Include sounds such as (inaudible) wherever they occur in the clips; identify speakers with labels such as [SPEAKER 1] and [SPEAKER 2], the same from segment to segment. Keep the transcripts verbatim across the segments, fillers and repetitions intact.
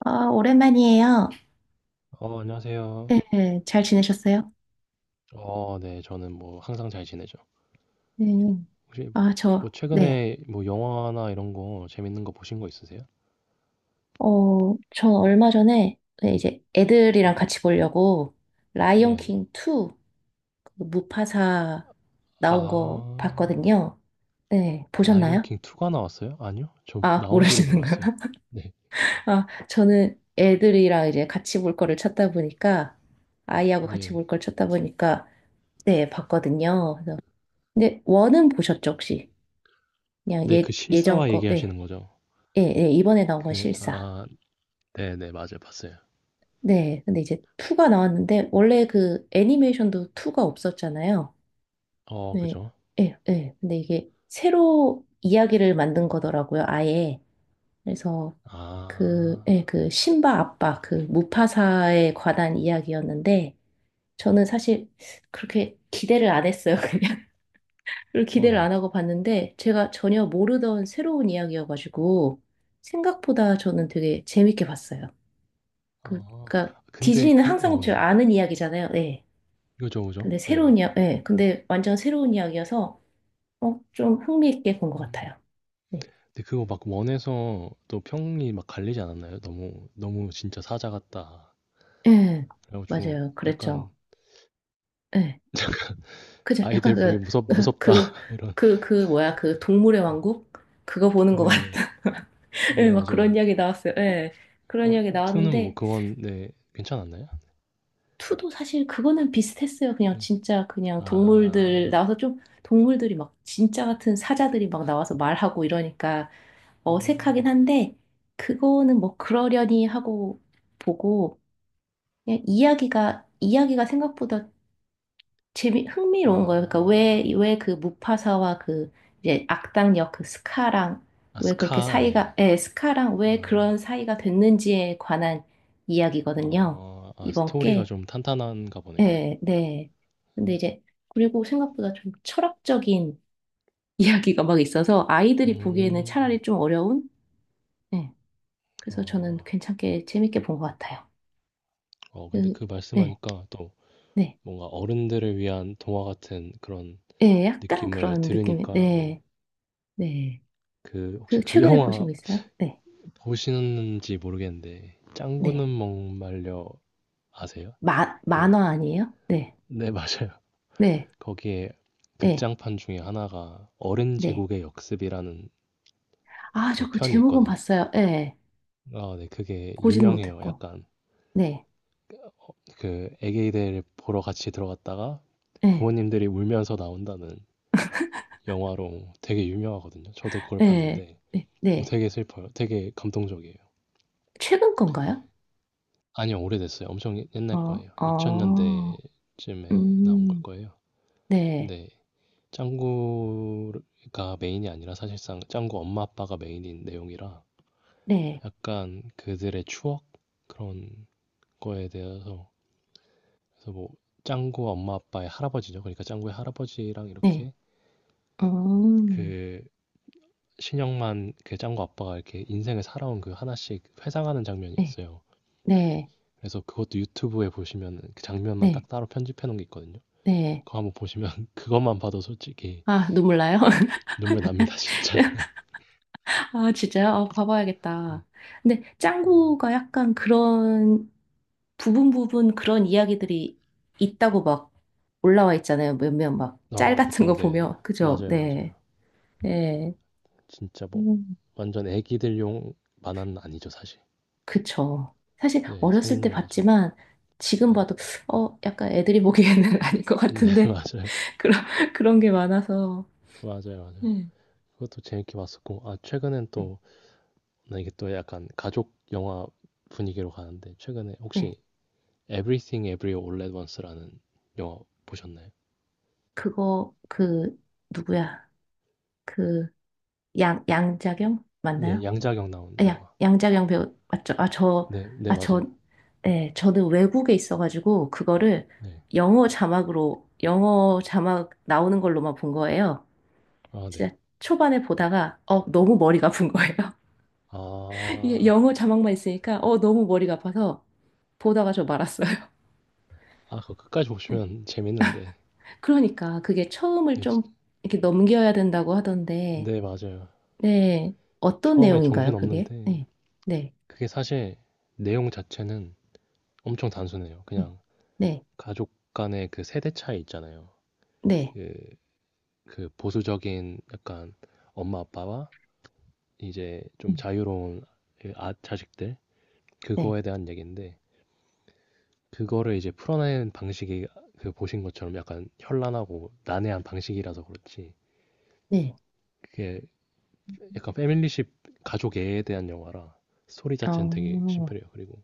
[SPEAKER 1] 아, 오랜만이에요.
[SPEAKER 2] 어, 안녕하세요.
[SPEAKER 1] 네, 잘 지내셨어요?
[SPEAKER 2] 어, 네, 저는 뭐 항상 잘 지내죠.
[SPEAKER 1] 네.
[SPEAKER 2] 혹시
[SPEAKER 1] 아,
[SPEAKER 2] 뭐
[SPEAKER 1] 저, 네.
[SPEAKER 2] 최근에 뭐 영화나 이런 거 재밌는 거 보신 거 있으세요?
[SPEAKER 1] 어, 전 얼마 전에, 네, 이제 애들이랑 같이 보려고 라이온
[SPEAKER 2] 네, 네.
[SPEAKER 1] 킹 투, 그 무파사 나온 거
[SPEAKER 2] 아,
[SPEAKER 1] 봤거든요. 네,
[SPEAKER 2] 라이언
[SPEAKER 1] 보셨나요?
[SPEAKER 2] 킹 투가 나왔어요? 아니요, 저
[SPEAKER 1] 아,
[SPEAKER 2] 나온지도
[SPEAKER 1] 모르시는가요?
[SPEAKER 2] 몰랐어요.
[SPEAKER 1] (laughs)
[SPEAKER 2] 네,
[SPEAKER 1] 아, 저는 애들이랑 이제 같이 볼 거를 찾다 보니까, 아이하고 같이
[SPEAKER 2] 네,
[SPEAKER 1] 볼 걸 찾다 보니까, 네, 봤거든요. 그래서 근데 원은 보셨죠, 혹시? 그냥
[SPEAKER 2] 네, 그
[SPEAKER 1] 예, 예전
[SPEAKER 2] 실사화
[SPEAKER 1] 거,
[SPEAKER 2] 얘기하시는
[SPEAKER 1] 네.
[SPEAKER 2] 거죠?
[SPEAKER 1] 예, 예, 이번에 나온 건
[SPEAKER 2] 그,
[SPEAKER 1] 실사.
[SPEAKER 2] 아, 네, 네, 맞아요, 봤어요.
[SPEAKER 1] 네, 근데 이제 투가 나왔는데, 원래 그 애니메이션도 투가 없었잖아요.
[SPEAKER 2] 어,
[SPEAKER 1] 네,
[SPEAKER 2] 그죠?
[SPEAKER 1] 예, 예. 근데 이게 새로 이야기를 만든 거더라고요, 아예. 그래서 그,
[SPEAKER 2] 아,
[SPEAKER 1] 예, 그 신바 아빠, 그 무파사에 관한 이야기였는데, 저는 사실 그렇게 기대를 안 했어요, 그냥. (laughs) 그리고
[SPEAKER 2] 어,
[SPEAKER 1] 기대를
[SPEAKER 2] 네.
[SPEAKER 1] 안 하고 봤는데, 제가 전혀 모르던 새로운 이야기여가지고, 생각보다 저는 되게 재밌게 봤어요. 그,
[SPEAKER 2] 어,
[SPEAKER 1] 그러니까
[SPEAKER 2] 근데
[SPEAKER 1] 디즈니는
[SPEAKER 2] 그,
[SPEAKER 1] 항상
[SPEAKER 2] 어,
[SPEAKER 1] 저
[SPEAKER 2] 네,
[SPEAKER 1] 아는 이야기잖아요. 예.
[SPEAKER 2] 그죠, 그죠?
[SPEAKER 1] 근데
[SPEAKER 2] 네,
[SPEAKER 1] 새로운 이야, 예. 근데 완전 새로운 이야기여서 어, 좀 흥미있게 본 것
[SPEAKER 2] 네.
[SPEAKER 1] 같아요. 네.
[SPEAKER 2] 근데 그거 막 원에서 또 평이 막 갈리지 않았나요? 너무 너무 진짜 사자 같다.
[SPEAKER 1] 예.
[SPEAKER 2] 그래가지고
[SPEAKER 1] 맞아요. 그랬죠.
[SPEAKER 2] 약간
[SPEAKER 1] 예. 그죠. 약간
[SPEAKER 2] 아이들 보기
[SPEAKER 1] 그,
[SPEAKER 2] 무섭
[SPEAKER 1] (laughs)
[SPEAKER 2] 무섭다
[SPEAKER 1] 그,
[SPEAKER 2] (laughs) 이런.
[SPEAKER 1] 그, 그 뭐야 그 동물의 왕국 그거 보는 것
[SPEAKER 2] 네네.
[SPEAKER 1] 같아. (laughs) 예,
[SPEAKER 2] 네,
[SPEAKER 1] 막 그런
[SPEAKER 2] 맞아요.
[SPEAKER 1] 이야기 나왔어요. 예. 그런
[SPEAKER 2] 어
[SPEAKER 1] 이야기
[SPEAKER 2] 투는 뭐
[SPEAKER 1] 나왔는데,
[SPEAKER 2] 그건 네 괜찮았나요?
[SPEAKER 1] 투도 사실 그거는 비슷했어요. 그냥
[SPEAKER 2] 네.
[SPEAKER 1] 진짜 그냥 동물들
[SPEAKER 2] 아,
[SPEAKER 1] 나와서, 좀 동물들이 막 진짜 같은 사자들이 막 나와서 말하고 이러니까 어색하긴
[SPEAKER 2] 음,
[SPEAKER 1] 한데, 그거는 뭐 그러려니 하고 보고, 그냥 이야기가, 이야기가 생각보다 재미,
[SPEAKER 2] 아,
[SPEAKER 1] 흥미로운 거예요. 그러니까 왜,
[SPEAKER 2] 아
[SPEAKER 1] 왜 그 무파사와 그 이제 악당 역그 스카랑
[SPEAKER 2] 아,
[SPEAKER 1] 왜 그렇게
[SPEAKER 2] 스카,
[SPEAKER 1] 사이가,
[SPEAKER 2] 네네.
[SPEAKER 1] 예, 스카랑 왜
[SPEAKER 2] 아,
[SPEAKER 1] 그런 사이가 됐는지에 관한 이야기거든요.
[SPEAKER 2] 어, 아,
[SPEAKER 1] 이번
[SPEAKER 2] 스토리가
[SPEAKER 1] 게.
[SPEAKER 2] 좀 탄탄한가 보네요.
[SPEAKER 1] 예, 네. 근데 이제, 그리고 생각보다 좀 철학적인 (laughs) 이야기가 막 있어서 아이들이 보기에는
[SPEAKER 2] 음,
[SPEAKER 1] 차라리 좀 어려운? 예. 그래서 저는
[SPEAKER 2] 아,
[SPEAKER 1] 괜찮게 재밌게 본 것 같아요.
[SPEAKER 2] 어 근데
[SPEAKER 1] 그,
[SPEAKER 2] 그
[SPEAKER 1] 네,
[SPEAKER 2] 말씀하니까 또
[SPEAKER 1] 네,
[SPEAKER 2] 뭔가 어른들을 위한 동화 같은 그런
[SPEAKER 1] 네, 약간
[SPEAKER 2] 느낌을
[SPEAKER 1] 그런 느낌이,
[SPEAKER 2] 들으니까, 네.
[SPEAKER 1] 네, 네.
[SPEAKER 2] 그 혹시
[SPEAKER 1] 그
[SPEAKER 2] 그
[SPEAKER 1] 최근에
[SPEAKER 2] 영화
[SPEAKER 1] 보신 거 있어요? 네,
[SPEAKER 2] 보시는지 모르겠는데,
[SPEAKER 1] 네.
[SPEAKER 2] 짱구는 목말려 아세요?
[SPEAKER 1] 마,
[SPEAKER 2] 그,
[SPEAKER 1] 만화 아니에요? 네,
[SPEAKER 2] 네, 맞아요.
[SPEAKER 1] 네,
[SPEAKER 2] (laughs) 거기에
[SPEAKER 1] 네,
[SPEAKER 2] 극장판 중에 하나가 어른
[SPEAKER 1] 네.
[SPEAKER 2] 제국의 역습이라는
[SPEAKER 1] 아,
[SPEAKER 2] 그
[SPEAKER 1] 저 그
[SPEAKER 2] 편이
[SPEAKER 1] 제목은
[SPEAKER 2] 있거든요.
[SPEAKER 1] 봤어요. 네,
[SPEAKER 2] 아, 네. 그게
[SPEAKER 1] 보지는
[SPEAKER 2] 유명해요.
[SPEAKER 1] 못했고,
[SPEAKER 2] 약간
[SPEAKER 1] 네,
[SPEAKER 2] 그 애기들 보러 같이 들어갔다가
[SPEAKER 1] 네,
[SPEAKER 2] 부모님들이 울면서 나온다는 영화로 되게 유명하거든요. 저도 그걸
[SPEAKER 1] 네,
[SPEAKER 2] 봤는데
[SPEAKER 1] 네,
[SPEAKER 2] 어,
[SPEAKER 1] 네.
[SPEAKER 2] 되게 슬퍼요. 되게 감동적이에요.
[SPEAKER 1] 최근 건가요?
[SPEAKER 2] 아니요, 오래됐어요. 엄청 옛- 날
[SPEAKER 1] 어,
[SPEAKER 2] 거예요.
[SPEAKER 1] 어,
[SPEAKER 2] 이천 년대쯤에 나온 걸
[SPEAKER 1] 음,
[SPEAKER 2] 거예요.
[SPEAKER 1] 네,
[SPEAKER 2] 근데 짱구가 메인이 아니라 사실상 짱구 엄마 아빠가 메인인 내용이라
[SPEAKER 1] 네,
[SPEAKER 2] 약간 그들의 추억 그런 거에 대해서, 그래서 뭐 짱구 엄마 아빠의 할아버지죠. 그러니까 짱구의 할아버지랑
[SPEAKER 1] 네,
[SPEAKER 2] 이렇게
[SPEAKER 1] 음,
[SPEAKER 2] 그 신영만, 그 짱구 아빠가 이렇게 인생을 살아온 그 하나씩 회상하는 장면이
[SPEAKER 1] 네,
[SPEAKER 2] 있어요.
[SPEAKER 1] 네,
[SPEAKER 2] 그래서 그것도 유튜브에 보시면 그 장면만
[SPEAKER 1] 네,
[SPEAKER 2] 딱 따로 편집해 놓은 게 있거든요.
[SPEAKER 1] 네.
[SPEAKER 2] 그거 한번 보시면 (laughs) 그것만 봐도 솔직히
[SPEAKER 1] 아, 눈물 나요? (laughs)
[SPEAKER 2] 눈물 납니다, 진짜. (laughs)
[SPEAKER 1] (laughs) 아, 진짜요? 아,
[SPEAKER 2] 네.
[SPEAKER 1] 봐봐야겠다. 근데
[SPEAKER 2] 어,
[SPEAKER 1] 짱구가 약간 그런 부분 부분 그런 이야기들이 있다고 막 올라와 있잖아요. 몇몇 막 짤
[SPEAKER 2] 아,
[SPEAKER 1] 같은
[SPEAKER 2] 그쵸.
[SPEAKER 1] 거
[SPEAKER 2] 네.
[SPEAKER 1] 보면. 그죠?
[SPEAKER 2] 맞아요,
[SPEAKER 1] 네.
[SPEAKER 2] 맞아요.
[SPEAKER 1] 네.
[SPEAKER 2] 진짜 뭐
[SPEAKER 1] 음,
[SPEAKER 2] 완전 애기들용 만화는 아니죠, 사실.
[SPEAKER 1] 그쵸. 사실
[SPEAKER 2] 네,
[SPEAKER 1] 어렸을
[SPEAKER 2] 성인
[SPEAKER 1] 때
[SPEAKER 2] 만화죠.
[SPEAKER 1] 봤지만 지금
[SPEAKER 2] 네.
[SPEAKER 1] 봐도 어, 약간 애들이 보기에는 (laughs) 아닌 것
[SPEAKER 2] 네, (laughs)
[SPEAKER 1] 같은데
[SPEAKER 2] 맞아요.
[SPEAKER 1] 그런 그런 게 많아서.
[SPEAKER 2] 맞아요, 맞아요.
[SPEAKER 1] 네.
[SPEAKER 2] 그것도 재밌게 봤었고, 아, 최근엔
[SPEAKER 1] 네.
[SPEAKER 2] 또, 나 이게 또 약간 가족 영화 분위기로 가는데, 최근에
[SPEAKER 1] 네.
[SPEAKER 2] 혹시 Everything Everywhere All at Once라는 영화 보셨나요?
[SPEAKER 1] 그거 그 누구야? 그 양, 양자경
[SPEAKER 2] 네,
[SPEAKER 1] 맞나요?
[SPEAKER 2] 양자경 나온
[SPEAKER 1] 아, 양,
[SPEAKER 2] 영화.
[SPEAKER 1] 양자경 배우 맞죠? 아, 저,
[SPEAKER 2] 네, 네,
[SPEAKER 1] 아, 저,
[SPEAKER 2] 맞아요.
[SPEAKER 1] 네, 저는 외국에 있어가지고 그거를
[SPEAKER 2] 네.
[SPEAKER 1] 영어 자막으로, 영어 자막 나오는 걸로만 본 거예요.
[SPEAKER 2] 아, 네.
[SPEAKER 1] 진짜 초반에 보다가 어 너무 머리가 아픈 거예요. (laughs) 이게
[SPEAKER 2] 아,
[SPEAKER 1] 영어 자막만 있으니까 어 너무 머리가 아파서 보다가 저 말았어요. (laughs)
[SPEAKER 2] 아, 그거 끝까지
[SPEAKER 1] 네.
[SPEAKER 2] 보시면 (laughs) 재밌는데.
[SPEAKER 1] 그러니까 그게 처음을
[SPEAKER 2] 네, 지-
[SPEAKER 1] 좀 이렇게 넘겨야 된다고 하던데,
[SPEAKER 2] 네, 맞아요.
[SPEAKER 1] 네, 어떤
[SPEAKER 2] 처음에 정신
[SPEAKER 1] 내용인가요 그게?
[SPEAKER 2] 없는데,
[SPEAKER 1] 네, 네,
[SPEAKER 2] 그게 사실 내용 자체는 엄청 단순해요.
[SPEAKER 1] 네,
[SPEAKER 2] 그냥
[SPEAKER 1] 네,
[SPEAKER 2] 가족 간의 그 세대 차이 있잖아요.
[SPEAKER 1] 네,
[SPEAKER 2] 그, 그 보수적인 약간 엄마 아빠와 이제 좀 자유로운 그 아, 자식들,
[SPEAKER 1] 네,
[SPEAKER 2] 그거에 대한 얘기인데, 그거를 이제 풀어내는 방식이 그 보신 것처럼 약간 현란하고 난해한 방식이라서 그렇지.
[SPEAKER 1] 네. 네.
[SPEAKER 2] 그게 약간 패밀리십, 가족애에 대한 영화라 스토리 자체는 되게
[SPEAKER 1] 어.
[SPEAKER 2] 심플해요. 그리고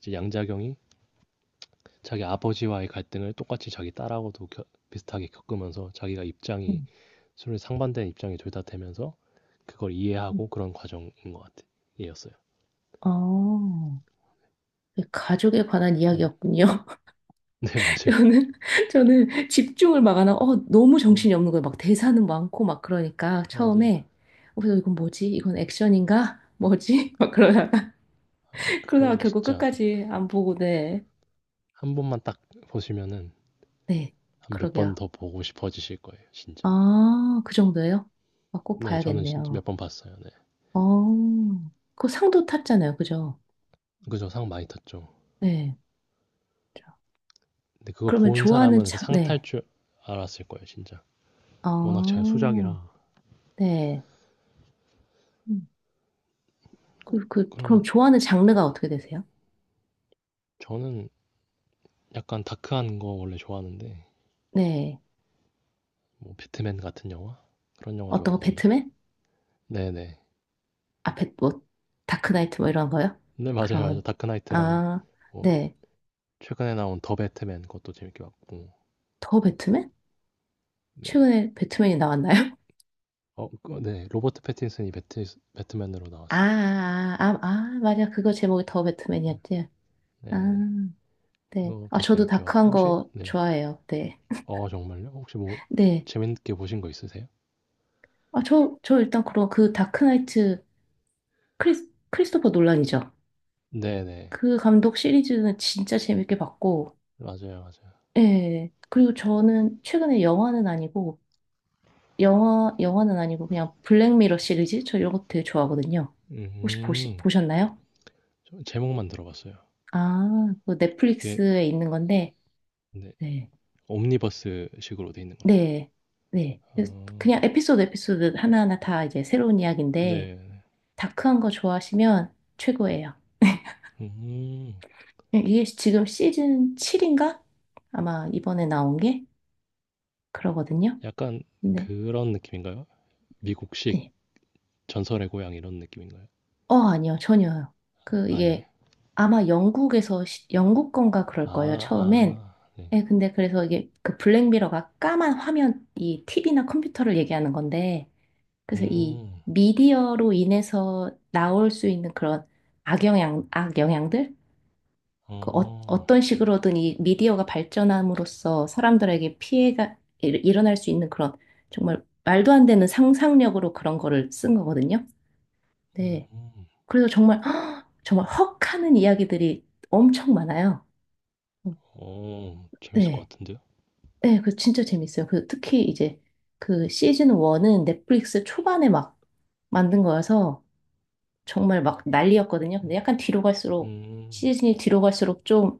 [SPEAKER 2] 이제 양자경이 자기 아버지와의 갈등을 똑같이 자기 딸하고도 겨- 비슷하게 겪으면서 자기가 입장이
[SPEAKER 1] 음,
[SPEAKER 2] 서로 상반된 입장이 둘 다 되면서 그걸
[SPEAKER 1] 음.
[SPEAKER 2] 이해하고 그런 과정인 것 같아요어요.
[SPEAKER 1] 아, 그 가족에 관한
[SPEAKER 2] 네,
[SPEAKER 1] 이야기였군요.
[SPEAKER 2] (laughs) 네,
[SPEAKER 1] (laughs)
[SPEAKER 2] 맞아요.
[SPEAKER 1] 저는, 저는 집중을 막 안 하고, 어, 너무
[SPEAKER 2] 네,
[SPEAKER 1] 정신이 없는 거예요. 막 대사는 많고, 막 그러니까
[SPEAKER 2] 맞아요.
[SPEAKER 1] 처음에, 어, 그래서 이건 뭐지? 이건 액션인가? 뭐지? (laughs) 막 그러다가,
[SPEAKER 2] 아,
[SPEAKER 1] (laughs) 그러다가
[SPEAKER 2] 그건
[SPEAKER 1] 결국
[SPEAKER 2] 진짜
[SPEAKER 1] 끝까지 안 보고, 네.
[SPEAKER 2] 한 번만 딱 보시면은
[SPEAKER 1] 네,
[SPEAKER 2] 한 몇 번
[SPEAKER 1] 그러게요.
[SPEAKER 2] 더 보고 싶어지실 거예요, 진짜.
[SPEAKER 1] 아, 그 정도예요? 아, 꼭
[SPEAKER 2] 네, 저는 진짜 몇
[SPEAKER 1] 봐야겠네요.
[SPEAKER 2] 번 봤어요. 네,
[SPEAKER 1] 어, 그 상도 탔잖아요. 그죠?
[SPEAKER 2] 그죠, 상 많이 탔죠.
[SPEAKER 1] 네.
[SPEAKER 2] 근데 그거
[SPEAKER 1] 그러면
[SPEAKER 2] 본
[SPEAKER 1] 좋아하는
[SPEAKER 2] 사람은 그
[SPEAKER 1] 장,
[SPEAKER 2] 상탈
[SPEAKER 1] 네.
[SPEAKER 2] 줄 알았을 거예요, 진짜. 워낙 잘
[SPEAKER 1] 아,
[SPEAKER 2] 수작이라.
[SPEAKER 1] 네. 음. 그, 그, 그럼
[SPEAKER 2] 그러면
[SPEAKER 1] 좋아하는 장르가 어떻게 되세요?
[SPEAKER 2] 저는 약간 다크한 거 원래 좋아하는데,
[SPEAKER 1] 네.
[SPEAKER 2] 뭐 배트맨 같은 영화? 그런 영화
[SPEAKER 1] 어떤 거,
[SPEAKER 2] 좋아하거든요, 저는.
[SPEAKER 1] 배트맨?
[SPEAKER 2] 네네.
[SPEAKER 1] 아, 배, 뭐, 다크나이트 뭐 이런 거요?
[SPEAKER 2] 네, (laughs) 맞아요, 맞아요.
[SPEAKER 1] 그런,
[SPEAKER 2] 다크나이트랑,
[SPEAKER 1] 아,
[SPEAKER 2] 뭐,
[SPEAKER 1] 네.
[SPEAKER 2] 최근에 나온 더 배트맨 그것도 재밌게 봤고,
[SPEAKER 1] 더 배트맨?
[SPEAKER 2] 네.
[SPEAKER 1] 최근에 배트맨이 나왔나요? (laughs)
[SPEAKER 2] 어, 그, 네. 로버트 패틴슨이 배트, 배트맨으로
[SPEAKER 1] 아,
[SPEAKER 2] 나왔어요.
[SPEAKER 1] 아, 아, 아, 맞아. 그거 제목이 더
[SPEAKER 2] 음.
[SPEAKER 1] 배트맨이었지.
[SPEAKER 2] 네네.
[SPEAKER 1] 아, 네. 아,
[SPEAKER 2] 그것도
[SPEAKER 1] 저도
[SPEAKER 2] 재밌게 봤어요.
[SPEAKER 1] 다크한
[SPEAKER 2] 혹시,
[SPEAKER 1] 거
[SPEAKER 2] 네.
[SPEAKER 1] 좋아해요. 네.
[SPEAKER 2] 어, 정말요? 혹시 뭐,
[SPEAKER 1] 네.
[SPEAKER 2] 재밌게 보신 거 있으세요?
[SPEAKER 1] 아, 저, 저 일단 그럼 그 다크나이트, 크리스, 크리스토퍼 놀란이죠.
[SPEAKER 2] 네네.
[SPEAKER 1] 그 감독 시리즈는 진짜 재밌게 봤고,
[SPEAKER 2] 맞아요, 맞아요.
[SPEAKER 1] 예. 그리고 저는 최근에 영화는 아니고, 영화, 영화는 아니고 그냥 블랙미러 시리즈? 저 이런 거 되게 좋아하거든요. 혹시 보시,
[SPEAKER 2] 음,
[SPEAKER 1] 보셨나요?
[SPEAKER 2] 저 제목만 들어봤어요.
[SPEAKER 1] 아, 그
[SPEAKER 2] 그게
[SPEAKER 1] 넷플릭스에 있는 건데,
[SPEAKER 2] 네,
[SPEAKER 1] 네.
[SPEAKER 2] 옴니버스식으로 돼 있는 거죠.
[SPEAKER 1] 네. 네. 그래서
[SPEAKER 2] 어,
[SPEAKER 1] 그냥 에피소드 에피소드 하나하나 다 이제 새로운 이야기인데,
[SPEAKER 2] 네,
[SPEAKER 1] 다크한 거 좋아하시면 최고예요.
[SPEAKER 2] 음,
[SPEAKER 1] 이게 지금 시즌 칠인가? 아마 이번에 나온 게 그러거든요.
[SPEAKER 2] 약간
[SPEAKER 1] 네.
[SPEAKER 2] 그런 느낌인가요? 미국식
[SPEAKER 1] 예.
[SPEAKER 2] 전설의 고향 이런 느낌인가요?
[SPEAKER 1] 어, 아니요, 전혀요. 그,
[SPEAKER 2] 아니,
[SPEAKER 1] 이게 아마 영국에서, 시- 영국 건가 그럴
[SPEAKER 2] 아,
[SPEAKER 1] 거예요, 처음엔.
[SPEAKER 2] 아, 네,
[SPEAKER 1] 예, 근데 그래서 이게 그 블랙미러가 까만 화면, 이 티비나 컴퓨터를 얘기하는 건데, 그래서 이
[SPEAKER 2] 음,
[SPEAKER 1] 미디어로 인해서 나올 수 있는 그런 악영향, 악영향들? 그 어,
[SPEAKER 2] 어,
[SPEAKER 1] 어떤 식으로든 이 미디어가 발전함으로써 사람들에게 피해가 일- 일어날 수 있는 그런, 정말 말도 안 되는 상상력으로 그런 거를 쓴 거거든요. 네.
[SPEAKER 2] 음,
[SPEAKER 1] 그래서 정말 (gasps) 정말 헉 하는 이야기들이 엄청 많아요. 어,
[SPEAKER 2] 어, 재밌을 것
[SPEAKER 1] 네.
[SPEAKER 2] 같은데요?
[SPEAKER 1] 네, 그 진짜 재밌어요. 그 특히 이제 그 시즌 일은 넷플릭스 초반에 막 만든 거여서 정말 막 난리였거든요. 근데 약간 뒤로 갈수록,
[SPEAKER 2] 음,
[SPEAKER 1] 시즌이 뒤로 갈수록 좀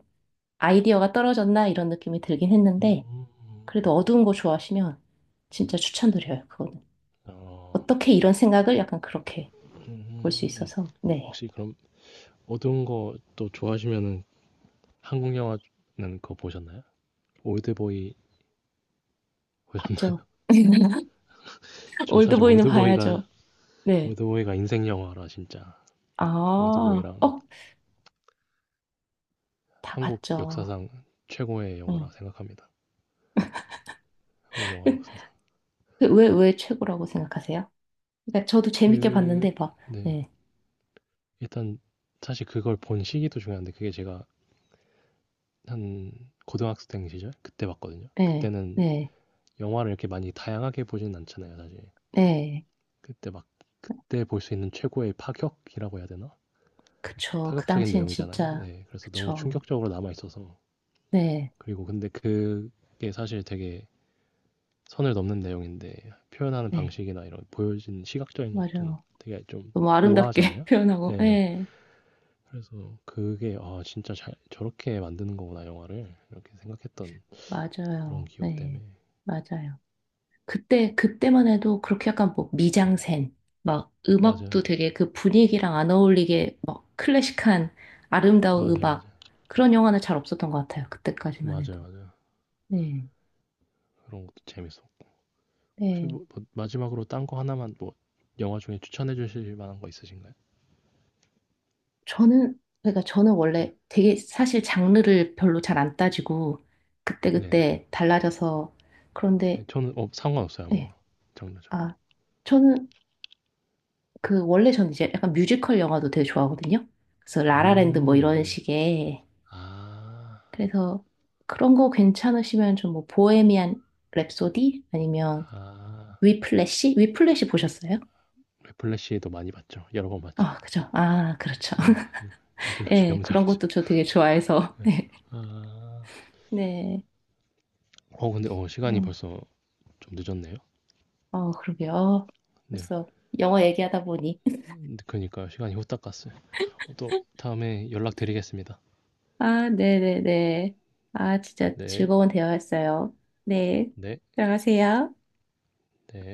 [SPEAKER 1] 아이디어가 떨어졌나 이런 느낌이 들긴
[SPEAKER 2] 음,
[SPEAKER 1] 했는데
[SPEAKER 2] 음.
[SPEAKER 1] 그래도 어두운 거 좋아하시면 진짜 추천드려요. 그거는.
[SPEAKER 2] 어,
[SPEAKER 1] 어떻게 이런 생각을 약간 그렇게 볼 수 있어서. 네.
[SPEAKER 2] 혹시 그럼 어두운 거 또 좋아하시면은, 한국 영화는 그거 보셨나요? 올드보이.
[SPEAKER 1] 봤죠. (laughs)
[SPEAKER 2] 전 사실
[SPEAKER 1] 올드보이는
[SPEAKER 2] 올드보이가
[SPEAKER 1] 봐야죠. 네.
[SPEAKER 2] 올드보이가 인생 영화라, 진짜
[SPEAKER 1] 아,
[SPEAKER 2] 올드보이랑,
[SPEAKER 1] 어, 다
[SPEAKER 2] 한국
[SPEAKER 1] 봤죠.
[SPEAKER 2] 역사상 최고의
[SPEAKER 1] 응.
[SPEAKER 2] 영화라 생각합니다. 한국 영화
[SPEAKER 1] (laughs)
[SPEAKER 2] 역사상.
[SPEAKER 1] 그 왜, 왜 최고라고 생각하세요? 그러니까 저도 재밌게
[SPEAKER 2] 그,
[SPEAKER 1] 봤는데 막,
[SPEAKER 2] 네.
[SPEAKER 1] 네,
[SPEAKER 2] 일단 사실 그걸 본 시기도 중요한데, 그게 제가 한 고등학생 시절 그때 봤거든요.
[SPEAKER 1] 네,
[SPEAKER 2] 그때는
[SPEAKER 1] 네,
[SPEAKER 2] 영화를 이렇게 많이 다양하게 보진 않잖아요, 사실.
[SPEAKER 1] 네.
[SPEAKER 2] 그때 막 그때 볼 수 있는 최고의 파격이라고 해야 되나?
[SPEAKER 1] 그쵸. 그
[SPEAKER 2] 파격적인
[SPEAKER 1] 당시엔
[SPEAKER 2] 내용이잖아요.
[SPEAKER 1] 진짜,
[SPEAKER 2] 네. 그래서 너무
[SPEAKER 1] 그쵸.
[SPEAKER 2] 충격적으로 남아 있어서.
[SPEAKER 1] 네,
[SPEAKER 2] 그리고 근데 그게 사실 되게 선을 넘는 내용인데 표현하는
[SPEAKER 1] 네,
[SPEAKER 2] 방식이나 이런 보여진 시각적인 것도
[SPEAKER 1] 맞아요.
[SPEAKER 2] 되게 좀
[SPEAKER 1] 너무 아름답게 (laughs)
[SPEAKER 2] 우아하잖아요.
[SPEAKER 1] 표현하고,
[SPEAKER 2] 네.
[SPEAKER 1] 네,
[SPEAKER 2] 그래서 그게 아 진짜 잘 저렇게 만드는 거구나, 영화를, 이렇게 생각했던 그런
[SPEAKER 1] 맞아요.
[SPEAKER 2] 기억 때문에.
[SPEAKER 1] 네, 맞아요. 그때, 그때만 해도 그렇게 약간 뭐 미장센, 막 음악도
[SPEAKER 2] 맞아,
[SPEAKER 1] 되게 그 분위기랑 안 어울리게 막 클래식한 아름다운
[SPEAKER 2] 맞아,
[SPEAKER 1] 음악,
[SPEAKER 2] 맞아,
[SPEAKER 1] 그런 영화는 잘 없었던 것 같아요. 그때까지만
[SPEAKER 2] 맞아,
[SPEAKER 1] 해도.
[SPEAKER 2] 맞아,
[SPEAKER 1] 네,
[SPEAKER 2] 그런 것도 재밌어. 혹시
[SPEAKER 1] 네.
[SPEAKER 2] 뭐, 뭐 마지막으로 딴 거 하나만 뭐 영화 중에 추천해 주실 만한 거 있으신가요?
[SPEAKER 1] 저는, 그러니까 저는 원래 되게 사실 장르를 별로 잘 안 따지고
[SPEAKER 2] 네네.
[SPEAKER 1] 그때그때 달라져서.
[SPEAKER 2] 네,
[SPEAKER 1] 그런데,
[SPEAKER 2] 저는 어, 상관없어요,
[SPEAKER 1] 네.
[SPEAKER 2] 아무거나 장르죠.
[SPEAKER 1] 아, 저는, 그 원래 저는 이제 약간 뮤지컬 영화도 되게 좋아하거든요. 그래서 라라랜드 뭐
[SPEAKER 2] 음,
[SPEAKER 1] 이런
[SPEAKER 2] 네.
[SPEAKER 1] 식의.
[SPEAKER 2] 아,
[SPEAKER 1] 그래서 그런 거 괜찮으시면 좀 뭐 보헤미안 랩소디 아니면
[SPEAKER 2] 아,
[SPEAKER 1] 위플래시? 위플래시 보셨어요?
[SPEAKER 2] 네, 플래시도 많이 봤죠. 여러 번 봤죠.
[SPEAKER 1] 아, 그죠. 아, 그렇죠.
[SPEAKER 2] 네.
[SPEAKER 1] (laughs)
[SPEAKER 2] 인플레시
[SPEAKER 1] 예, 그런
[SPEAKER 2] 명작이죠.
[SPEAKER 1] 것도 저 되게 좋아해서.
[SPEAKER 2] 예. 아.
[SPEAKER 1] (laughs) 네.
[SPEAKER 2] 어 근데 어 시간이
[SPEAKER 1] 어.
[SPEAKER 2] 벌써 좀 늦었네요.
[SPEAKER 1] 어, 그러게요. 그
[SPEAKER 2] 네.
[SPEAKER 1] 벌써 영어 얘기하다 보니. (laughs)
[SPEAKER 2] 그니까요. 시간이 후딱 갔어요. 어 또 다음에 연락드리겠습니다.
[SPEAKER 1] 아, 네네네. 아, 진짜
[SPEAKER 2] 네.
[SPEAKER 1] 즐거운 대화였어요. 네.
[SPEAKER 2] 네.
[SPEAKER 1] 들어가세요.
[SPEAKER 2] 네.